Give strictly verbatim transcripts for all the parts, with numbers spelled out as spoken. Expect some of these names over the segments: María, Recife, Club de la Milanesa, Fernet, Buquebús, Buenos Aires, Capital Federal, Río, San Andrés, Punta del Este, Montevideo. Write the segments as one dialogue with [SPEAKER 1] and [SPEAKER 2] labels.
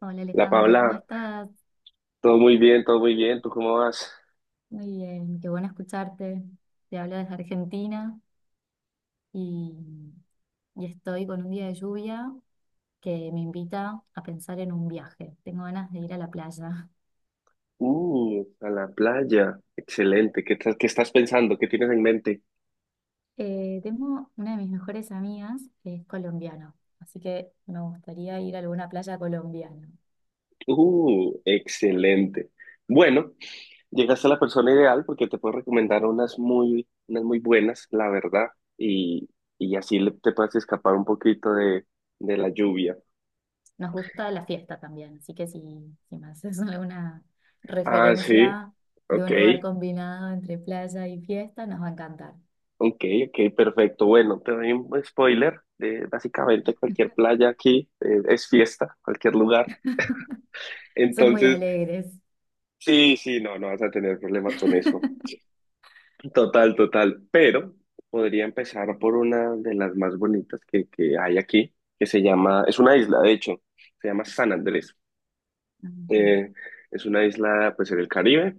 [SPEAKER 1] Hola
[SPEAKER 2] La
[SPEAKER 1] Alejandro, ¿cómo
[SPEAKER 2] Paula,
[SPEAKER 1] estás?
[SPEAKER 2] todo muy bien, todo muy bien. ¿Tú cómo vas?
[SPEAKER 1] Muy bien, qué bueno escucharte. Te hablo desde Argentina y, y estoy con un día de lluvia que me invita a pensar en un viaje. Tengo ganas de ir a la playa.
[SPEAKER 2] Uh, a la playa. Excelente. ¿Qué, tal- qué estás pensando? ¿Qué tienes en mente?
[SPEAKER 1] Eh, tengo una de mis mejores amigas que es colombiana, así que me gustaría ir a alguna playa colombiana.
[SPEAKER 2] Uh, excelente. Bueno, llegaste a la persona ideal porque te puedo recomendar unas muy, unas muy buenas, la verdad, y, y así le- te puedes escapar un poquito de, de la lluvia.
[SPEAKER 1] Nos gusta la fiesta también, así que si, si me haces alguna
[SPEAKER 2] Ah, sí.
[SPEAKER 1] referencia de
[SPEAKER 2] Ok,
[SPEAKER 1] un lugar combinado entre playa y fiesta, nos va a encantar.
[SPEAKER 2] ok, ok, perfecto. Bueno, te doy un spoiler de básicamente cualquier playa aquí, eh, es fiesta, cualquier lugar.
[SPEAKER 1] Son muy
[SPEAKER 2] Entonces,
[SPEAKER 1] alegres.
[SPEAKER 2] sí, sí, no, no vas a tener problemas con eso. Total, total. Pero podría empezar por una de las más bonitas que, que hay aquí, que se llama, es una isla, de hecho, se llama San Andrés.
[SPEAKER 1] Mm.
[SPEAKER 2] Eh, es una isla, pues, en el Caribe.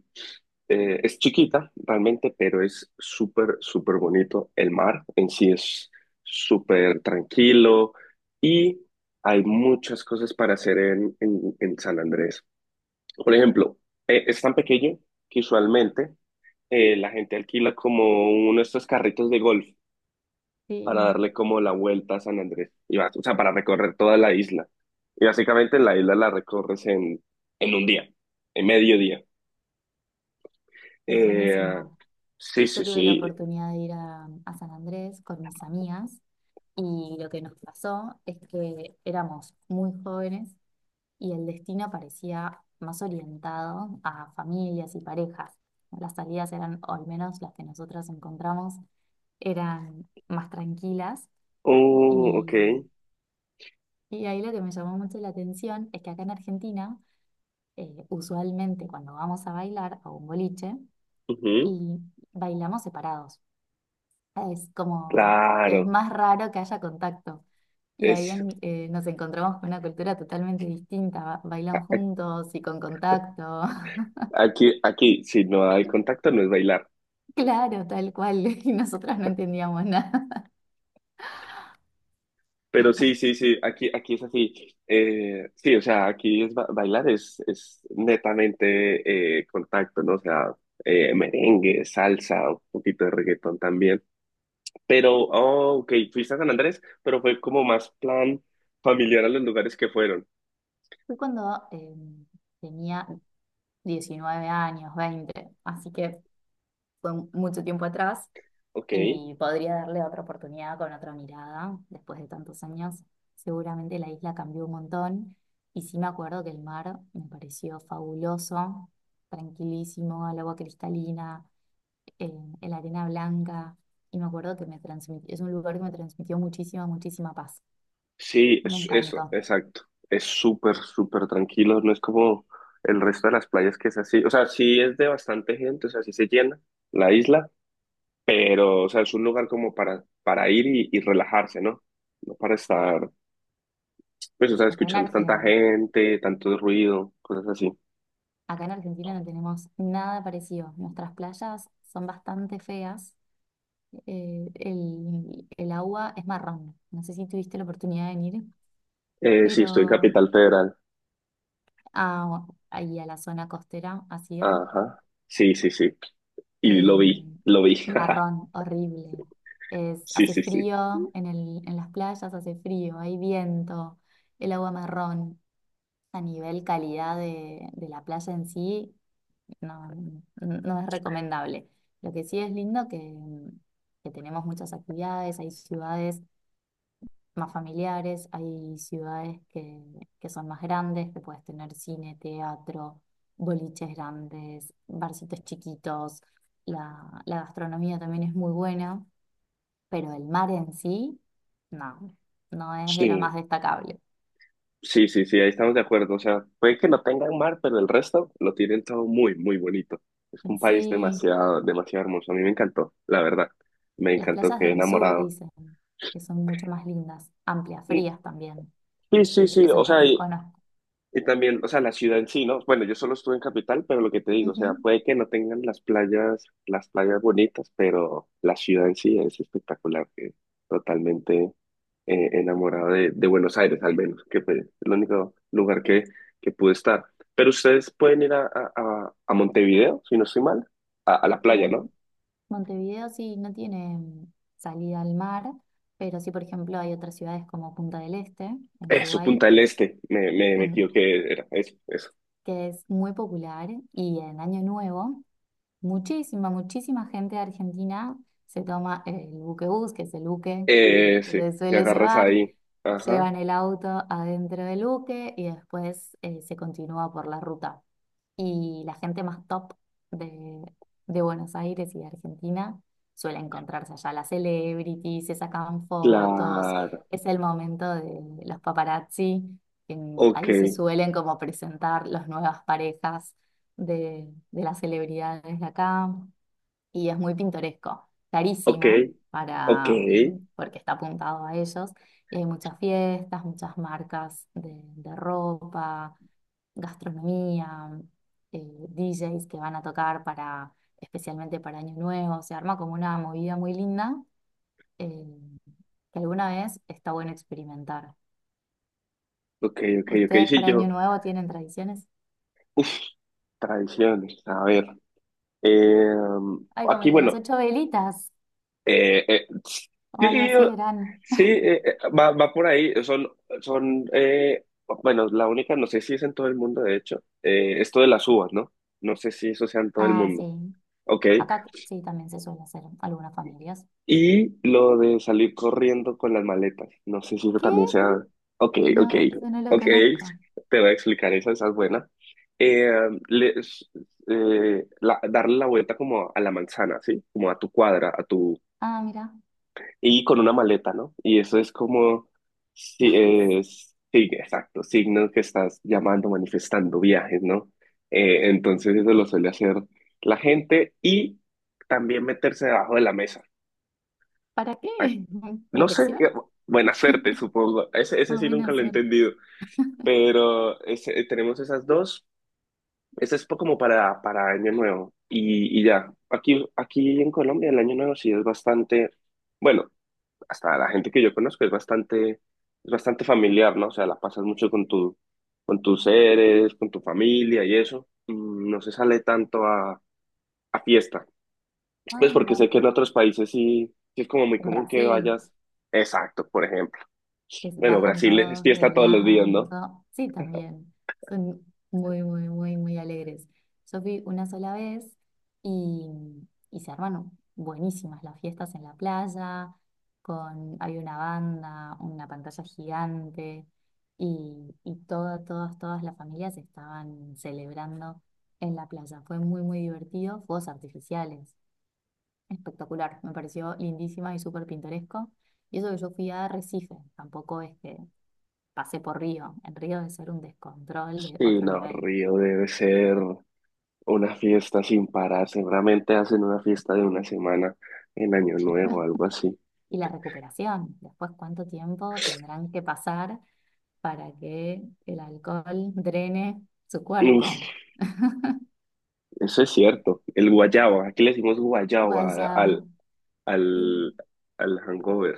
[SPEAKER 2] Eh, es chiquita, realmente, pero es súper, súper bonito. El mar en sí es súper tranquilo y hay muchas cosas para hacer en, en en San Andrés. Por ejemplo, eh, es tan pequeño que usualmente eh, la gente alquila como uno de estos carritos de golf
[SPEAKER 1] Sí,
[SPEAKER 2] para
[SPEAKER 1] sí,
[SPEAKER 2] darle como la vuelta a San Andrés, y vas- o sea, para recorrer toda la isla. Y básicamente la isla la recorres en, en un día, en medio día.
[SPEAKER 1] es
[SPEAKER 2] Eh,
[SPEAKER 1] buenísimo.
[SPEAKER 2] sí,
[SPEAKER 1] Yo
[SPEAKER 2] sí,
[SPEAKER 1] tuve la
[SPEAKER 2] sí.
[SPEAKER 1] oportunidad de ir a, a San Andrés con mis amigas y lo que nos pasó es que éramos muy jóvenes y el destino parecía más orientado a familias y parejas. Las salidas eran, o al menos las que nosotras encontramos, eran más tranquilas
[SPEAKER 2] Oh, ok.
[SPEAKER 1] y, y ahí lo que me llamó mucho la atención es que acá en Argentina, eh, usualmente cuando vamos a bailar a un boliche,
[SPEAKER 2] Ujú.
[SPEAKER 1] y bailamos separados. Es como, es
[SPEAKER 2] Claro.
[SPEAKER 1] más raro que haya contacto. Y ahí
[SPEAKER 2] Es,
[SPEAKER 1] en- eh, nos encontramos con una cultura totalmente distinta. ba- Bailan juntos y con contacto.
[SPEAKER 2] aquí, aquí, si no hay contacto, no es bailar.
[SPEAKER 1] Claro, tal cual. Y nosotras no entendíamos nada.
[SPEAKER 2] Pero sí, sí, sí, aquí, aquí es así. Eh, sí, o sea, aquí es ba- bailar es, es netamente eh, contacto, ¿no? O sea, eh, merengue, salsa, un poquito de reggaetón también. Pero, oh, ok, fuiste a San Andrés, pero fue como más plan familiar a los lugares que fueron.
[SPEAKER 1] Fue cuando eh, tenía diecinueve años, veinte. Así que fue mucho tiempo atrás,
[SPEAKER 2] Ok,
[SPEAKER 1] y podría darle otra oportunidad con otra mirada después de tantos años. Seguramente la isla cambió un montón y sí me acuerdo que el mar me pareció fabuloso, tranquilísimo, el agua cristalina, eh, la arena blanca y me acuerdo que me transmitió, es un lugar que me transmitió muchísima, muchísima paz.
[SPEAKER 2] sí,
[SPEAKER 1] Me
[SPEAKER 2] es- eso,
[SPEAKER 1] encantó.
[SPEAKER 2] exacto. Es súper, súper tranquilo, no es como el resto de las playas que es así. O sea, sí es de bastante gente, o sea, sí se llena la isla. Pero, o sea, es un lugar como para, para ir y, y relajarse, ¿no? No para estar, pues, o sea,
[SPEAKER 1] Acá en
[SPEAKER 2] escuchando tanta
[SPEAKER 1] Argen-
[SPEAKER 2] gente, tanto ruido, cosas así.
[SPEAKER 1] Acá en Argentina no tenemos nada parecido. Nuestras playas son bastante feas, eh, el, el agua es marrón. No sé si tuviste la oportunidad de venir,
[SPEAKER 2] Eh, sí, estoy en
[SPEAKER 1] pero
[SPEAKER 2] Capital Federal.
[SPEAKER 1] ah, ahí a la zona costera ha sido
[SPEAKER 2] Ajá. Sí, sí, sí. Y lo
[SPEAKER 1] eh,
[SPEAKER 2] vi, lo vi.
[SPEAKER 1] marrón, horrible. Es,
[SPEAKER 2] Sí,
[SPEAKER 1] hace
[SPEAKER 2] sí, sí.
[SPEAKER 1] frío en el, en las playas, hace frío, hay viento, el agua marrón. A nivel calidad de, de la playa en sí, no, no es recomendable. Lo que sí es lindo que, que tenemos muchas actividades, hay ciudades más familiares, hay ciudades que, que son más grandes, que puedes tener cine, teatro, boliches grandes, barcitos chiquitos, la, la gastronomía también es muy buena, pero el mar en sí, no, no es de lo
[SPEAKER 2] Sí,
[SPEAKER 1] más destacable.
[SPEAKER 2] sí, sí, sí, ahí estamos de acuerdo. O sea, puede que no tengan mar, pero el resto lo tienen todo muy, muy bonito. Es un país
[SPEAKER 1] Sí,
[SPEAKER 2] demasiado, demasiado hermoso. A mí me encantó, la verdad. Me
[SPEAKER 1] las
[SPEAKER 2] encantó,
[SPEAKER 1] playas
[SPEAKER 2] quedé
[SPEAKER 1] del sur
[SPEAKER 2] enamorado.
[SPEAKER 1] dicen que son mucho más lindas, amplias,
[SPEAKER 2] Mm.
[SPEAKER 1] frías también.
[SPEAKER 2] Sí, sí,
[SPEAKER 1] Eh,
[SPEAKER 2] sí. O
[SPEAKER 1] esas no
[SPEAKER 2] sea,
[SPEAKER 1] las
[SPEAKER 2] y,
[SPEAKER 1] conozco.
[SPEAKER 2] Y también, o sea, la ciudad en sí, ¿no? Bueno, yo solo estuve en Capital, pero lo que te digo, o sea,
[SPEAKER 1] Ujú.
[SPEAKER 2] puede que no tengan las playas, las playas bonitas, pero la ciudad en sí es espectacular, que totalmente eh, enamorado de, de Buenos Aires, al menos, que fue el único lugar que, que pude estar. Pero ustedes pueden ir a, a, a- a Montevideo, si no estoy mal, a, a la playa, ¿no?
[SPEAKER 1] En- Montevideo sí no tiene mm, salida al mar, pero sí, por ejemplo, hay otras ciudades como Punta del Este, en
[SPEAKER 2] Eso,
[SPEAKER 1] Uruguay,
[SPEAKER 2] Punta del Este, me, me, me
[SPEAKER 1] un-
[SPEAKER 2] equivoqué, era eso, eso.
[SPEAKER 1] que es muy popular y en Año Nuevo, muchísima, muchísima gente de Argentina se toma el buquebús, que es el buque que,
[SPEAKER 2] Eh,
[SPEAKER 1] que
[SPEAKER 2] sí,
[SPEAKER 1] se
[SPEAKER 2] que
[SPEAKER 1] suele
[SPEAKER 2] agarras
[SPEAKER 1] llevar,
[SPEAKER 2] ahí. Ajá,
[SPEAKER 1] llevan el auto adentro del buque y después eh, se continúa por la ruta. Y la gente más top de, de Buenos Aires y de Argentina suele encontrarse allá. Las celebrities se sacan fotos,
[SPEAKER 2] claro.
[SPEAKER 1] es el momento de los paparazzi, que
[SPEAKER 2] Ok,
[SPEAKER 1] ahí se suelen como presentar las nuevas parejas de, de las celebridades de acá. Y es muy pintoresco,
[SPEAKER 2] Ok,
[SPEAKER 1] carísimo,
[SPEAKER 2] ok,
[SPEAKER 1] para, porque está apuntado a ellos. Y hay muchas fiestas, muchas marcas de de ropa, gastronomía, eh, D Js que van a tocar para, especialmente para Año Nuevo, se arma como una movida muy linda, eh, que alguna vez está bueno experimentar.
[SPEAKER 2] ok, ok, ok.
[SPEAKER 1] ¿Ustedes
[SPEAKER 2] Sí,
[SPEAKER 1] para
[SPEAKER 2] yo,
[SPEAKER 1] Año Nuevo tienen tradiciones?
[SPEAKER 2] uff, tradiciones, a ver. eh,
[SPEAKER 1] Ay, como
[SPEAKER 2] Aquí,
[SPEAKER 1] la de las
[SPEAKER 2] bueno,
[SPEAKER 1] ocho velitas
[SPEAKER 2] eh, eh,
[SPEAKER 1] o algo
[SPEAKER 2] sí,
[SPEAKER 1] así
[SPEAKER 2] yo-
[SPEAKER 1] eran.
[SPEAKER 2] sí, eh, eh, va, va por ahí. Son, son, eh, bueno, la única, no sé si es en todo el mundo, de hecho, eh, esto de las uvas, ¿no? No sé si eso sea en todo el
[SPEAKER 1] Ah,
[SPEAKER 2] mundo.
[SPEAKER 1] sí.
[SPEAKER 2] Ok.
[SPEAKER 1] Acá t- sí también se suele hacer en algunas familias.
[SPEAKER 2] Y lo de salir corriendo con las maletas. No sé si eso
[SPEAKER 1] ¿Qué?
[SPEAKER 2] también sea... Ok, ok,
[SPEAKER 1] No, eso no lo
[SPEAKER 2] ok.
[SPEAKER 1] conozco.
[SPEAKER 2] te voy a explicar eso, esa es buena. Eh, les- eh, la- darle la vuelta como a la manzana, ¿sí? Como a tu cuadra, a tu...
[SPEAKER 1] Ah, mira,
[SPEAKER 2] Y con una maleta, ¿no? Y eso es como... Sí,
[SPEAKER 1] viajes.
[SPEAKER 2] es, sí, exacto. Signos que estás llamando, manifestando viajes, ¿no? Eh, entonces eso lo suele hacer la gente y también meterse debajo de la mesa.
[SPEAKER 1] ¿Para qué?
[SPEAKER 2] No sé,
[SPEAKER 1] ¿Protección?
[SPEAKER 2] eh, buena suerte, supongo. Ese, ese
[SPEAKER 1] Ah,
[SPEAKER 2] sí nunca
[SPEAKER 1] buena
[SPEAKER 2] lo he
[SPEAKER 1] suerte.
[SPEAKER 2] entendido, pero ese- eh, tenemos esas dos. Ese es po- como para, para Año Nuevo y, y ya. Aquí, aquí en Colombia el Año Nuevo sí es bastante, bueno, hasta la gente que yo conozco es bastante, es bastante familiar, ¿no? O sea, la pasas mucho con tu, con tus seres, con tu familia y eso. Mm, No se sale tanto a, a fiesta.
[SPEAKER 1] Ah,
[SPEAKER 2] Pues porque sé
[SPEAKER 1] mira.
[SPEAKER 2] que en otros países sí, sí es como muy
[SPEAKER 1] En
[SPEAKER 2] común que
[SPEAKER 1] Brasil,
[SPEAKER 2] vayas. Exacto, por ejemplo.
[SPEAKER 1] que se
[SPEAKER 2] Bueno,
[SPEAKER 1] bajan
[SPEAKER 2] Brasil es
[SPEAKER 1] todos de
[SPEAKER 2] fiesta todos los días, ¿no?
[SPEAKER 1] blanco. Sí, también. Son muy, muy, muy, muy alegres. Yo fui una sola vez y, y se arman buenísimas las fiestas en la playa, con, hay una banda, una pantalla gigante y, y todas, todas, todas las familias estaban celebrando en la playa. Fue muy, muy divertido. Fuegos artificiales. Espectacular. Me pareció lindísima y súper pintoresco. Y eso que yo fui a Recife, tampoco es que... Pasé por Río. En Río debe ser un descontrol de
[SPEAKER 2] Sí,
[SPEAKER 1] otro
[SPEAKER 2] no,
[SPEAKER 1] nivel.
[SPEAKER 2] Río debe ser una fiesta sin parar. Seguramente hacen una fiesta de una semana en Año Nuevo, algo así.
[SPEAKER 1] Y la recuperación. Después, ¿cuánto tiempo tendrán que pasar para que el alcohol drene su
[SPEAKER 2] Uf,
[SPEAKER 1] cuerpo?
[SPEAKER 2] eso es cierto. El guayaba, aquí le decimos guayaba
[SPEAKER 1] Guayaba.
[SPEAKER 2] al,
[SPEAKER 1] Y,
[SPEAKER 2] al, al hangover.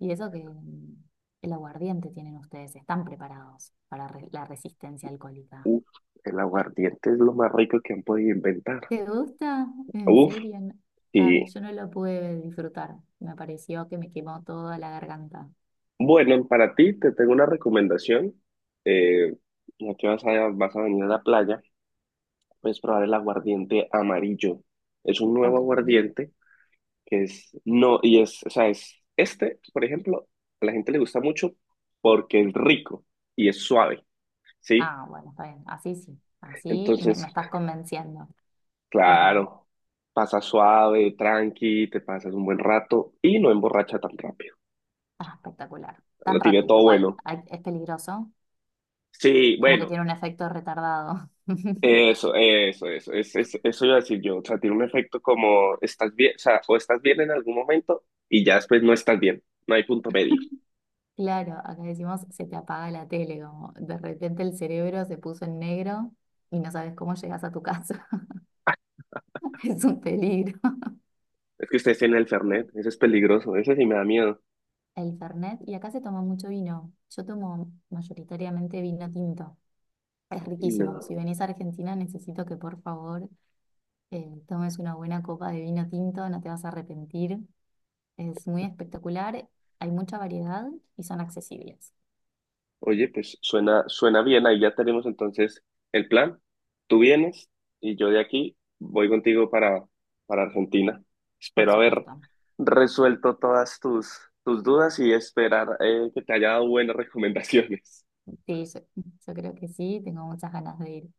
[SPEAKER 1] y eso que mm, el aguardiente tienen ustedes. Están preparados para re- la resistencia alcohólica.
[SPEAKER 2] Uf, el aguardiente es lo más rico que han podido inventar.
[SPEAKER 1] ¿Te gusta? ¿En
[SPEAKER 2] Uf,
[SPEAKER 1] serio? No- a mí,
[SPEAKER 2] y
[SPEAKER 1] yo no lo pude disfrutar. Me pareció que me quemó toda la garganta.
[SPEAKER 2] bueno, para ti te tengo una recomendación. Eh, ya que vas a, vas a venir a la playa, puedes probar el aguardiente amarillo. Es un nuevo
[SPEAKER 1] Ok.
[SPEAKER 2] aguardiente que es, no, y es, o sea, es, este, por ejemplo, a la gente le gusta mucho porque es rico y es suave, ¿sí?
[SPEAKER 1] Ah, bueno, está bien. Así sí. Así me,
[SPEAKER 2] Entonces,
[SPEAKER 1] me estás convenciendo. Porque
[SPEAKER 2] claro, pasa suave, tranqui, te pasas un buen rato y no emborracha tan rápido.
[SPEAKER 1] ah, espectacular.
[SPEAKER 2] Lo
[SPEAKER 1] Tan
[SPEAKER 2] tiene
[SPEAKER 1] rápido
[SPEAKER 2] todo
[SPEAKER 1] igual.
[SPEAKER 2] bueno.
[SPEAKER 1] Ay, es peligroso.
[SPEAKER 2] Sí,
[SPEAKER 1] Como que
[SPEAKER 2] bueno,
[SPEAKER 1] tiene un efecto retardado.
[SPEAKER 2] eso, eso, eso, es, es- eso iba a decir yo. O sea, tiene un efecto como estás bien, o sea, o estás bien en algún momento y ya después no estás bien. No hay punto medio.
[SPEAKER 1] Claro, acá decimos se te apaga la tele, como de repente el cerebro se puso en negro y no sabes cómo llegas a tu casa. Es un peligro.
[SPEAKER 2] Es que ustedes tienen el Fernet, eso es peligroso, eso sí me da miedo.
[SPEAKER 1] El Fernet, y acá se toma mucho vino. Yo tomo mayoritariamente vino tinto. Es riquísimo.
[SPEAKER 2] No.
[SPEAKER 1] Si venís a Argentina, necesito que por favor eh, tomes una buena copa de vino tinto, no te vas a arrepentir. Es muy espectacular, hay mucha variedad y son accesibles,
[SPEAKER 2] Oye, pues suena, suena bien, ahí ya tenemos entonces el plan. Tú vienes y yo de aquí voy contigo para, para Argentina.
[SPEAKER 1] por
[SPEAKER 2] Espero haber
[SPEAKER 1] supuesto.
[SPEAKER 2] resuelto todas tus, tus dudas y esperar eh, que te haya dado buenas recomendaciones.
[SPEAKER 1] Sí, yo, yo creo que sí, tengo muchas ganas de ir.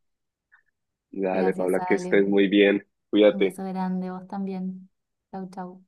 [SPEAKER 2] Dale,
[SPEAKER 1] Gracias,
[SPEAKER 2] Paula, que
[SPEAKER 1] Ale.
[SPEAKER 2] estés muy bien.
[SPEAKER 1] Un
[SPEAKER 2] Cuídate.
[SPEAKER 1] beso grande, vos también. Chau, chau.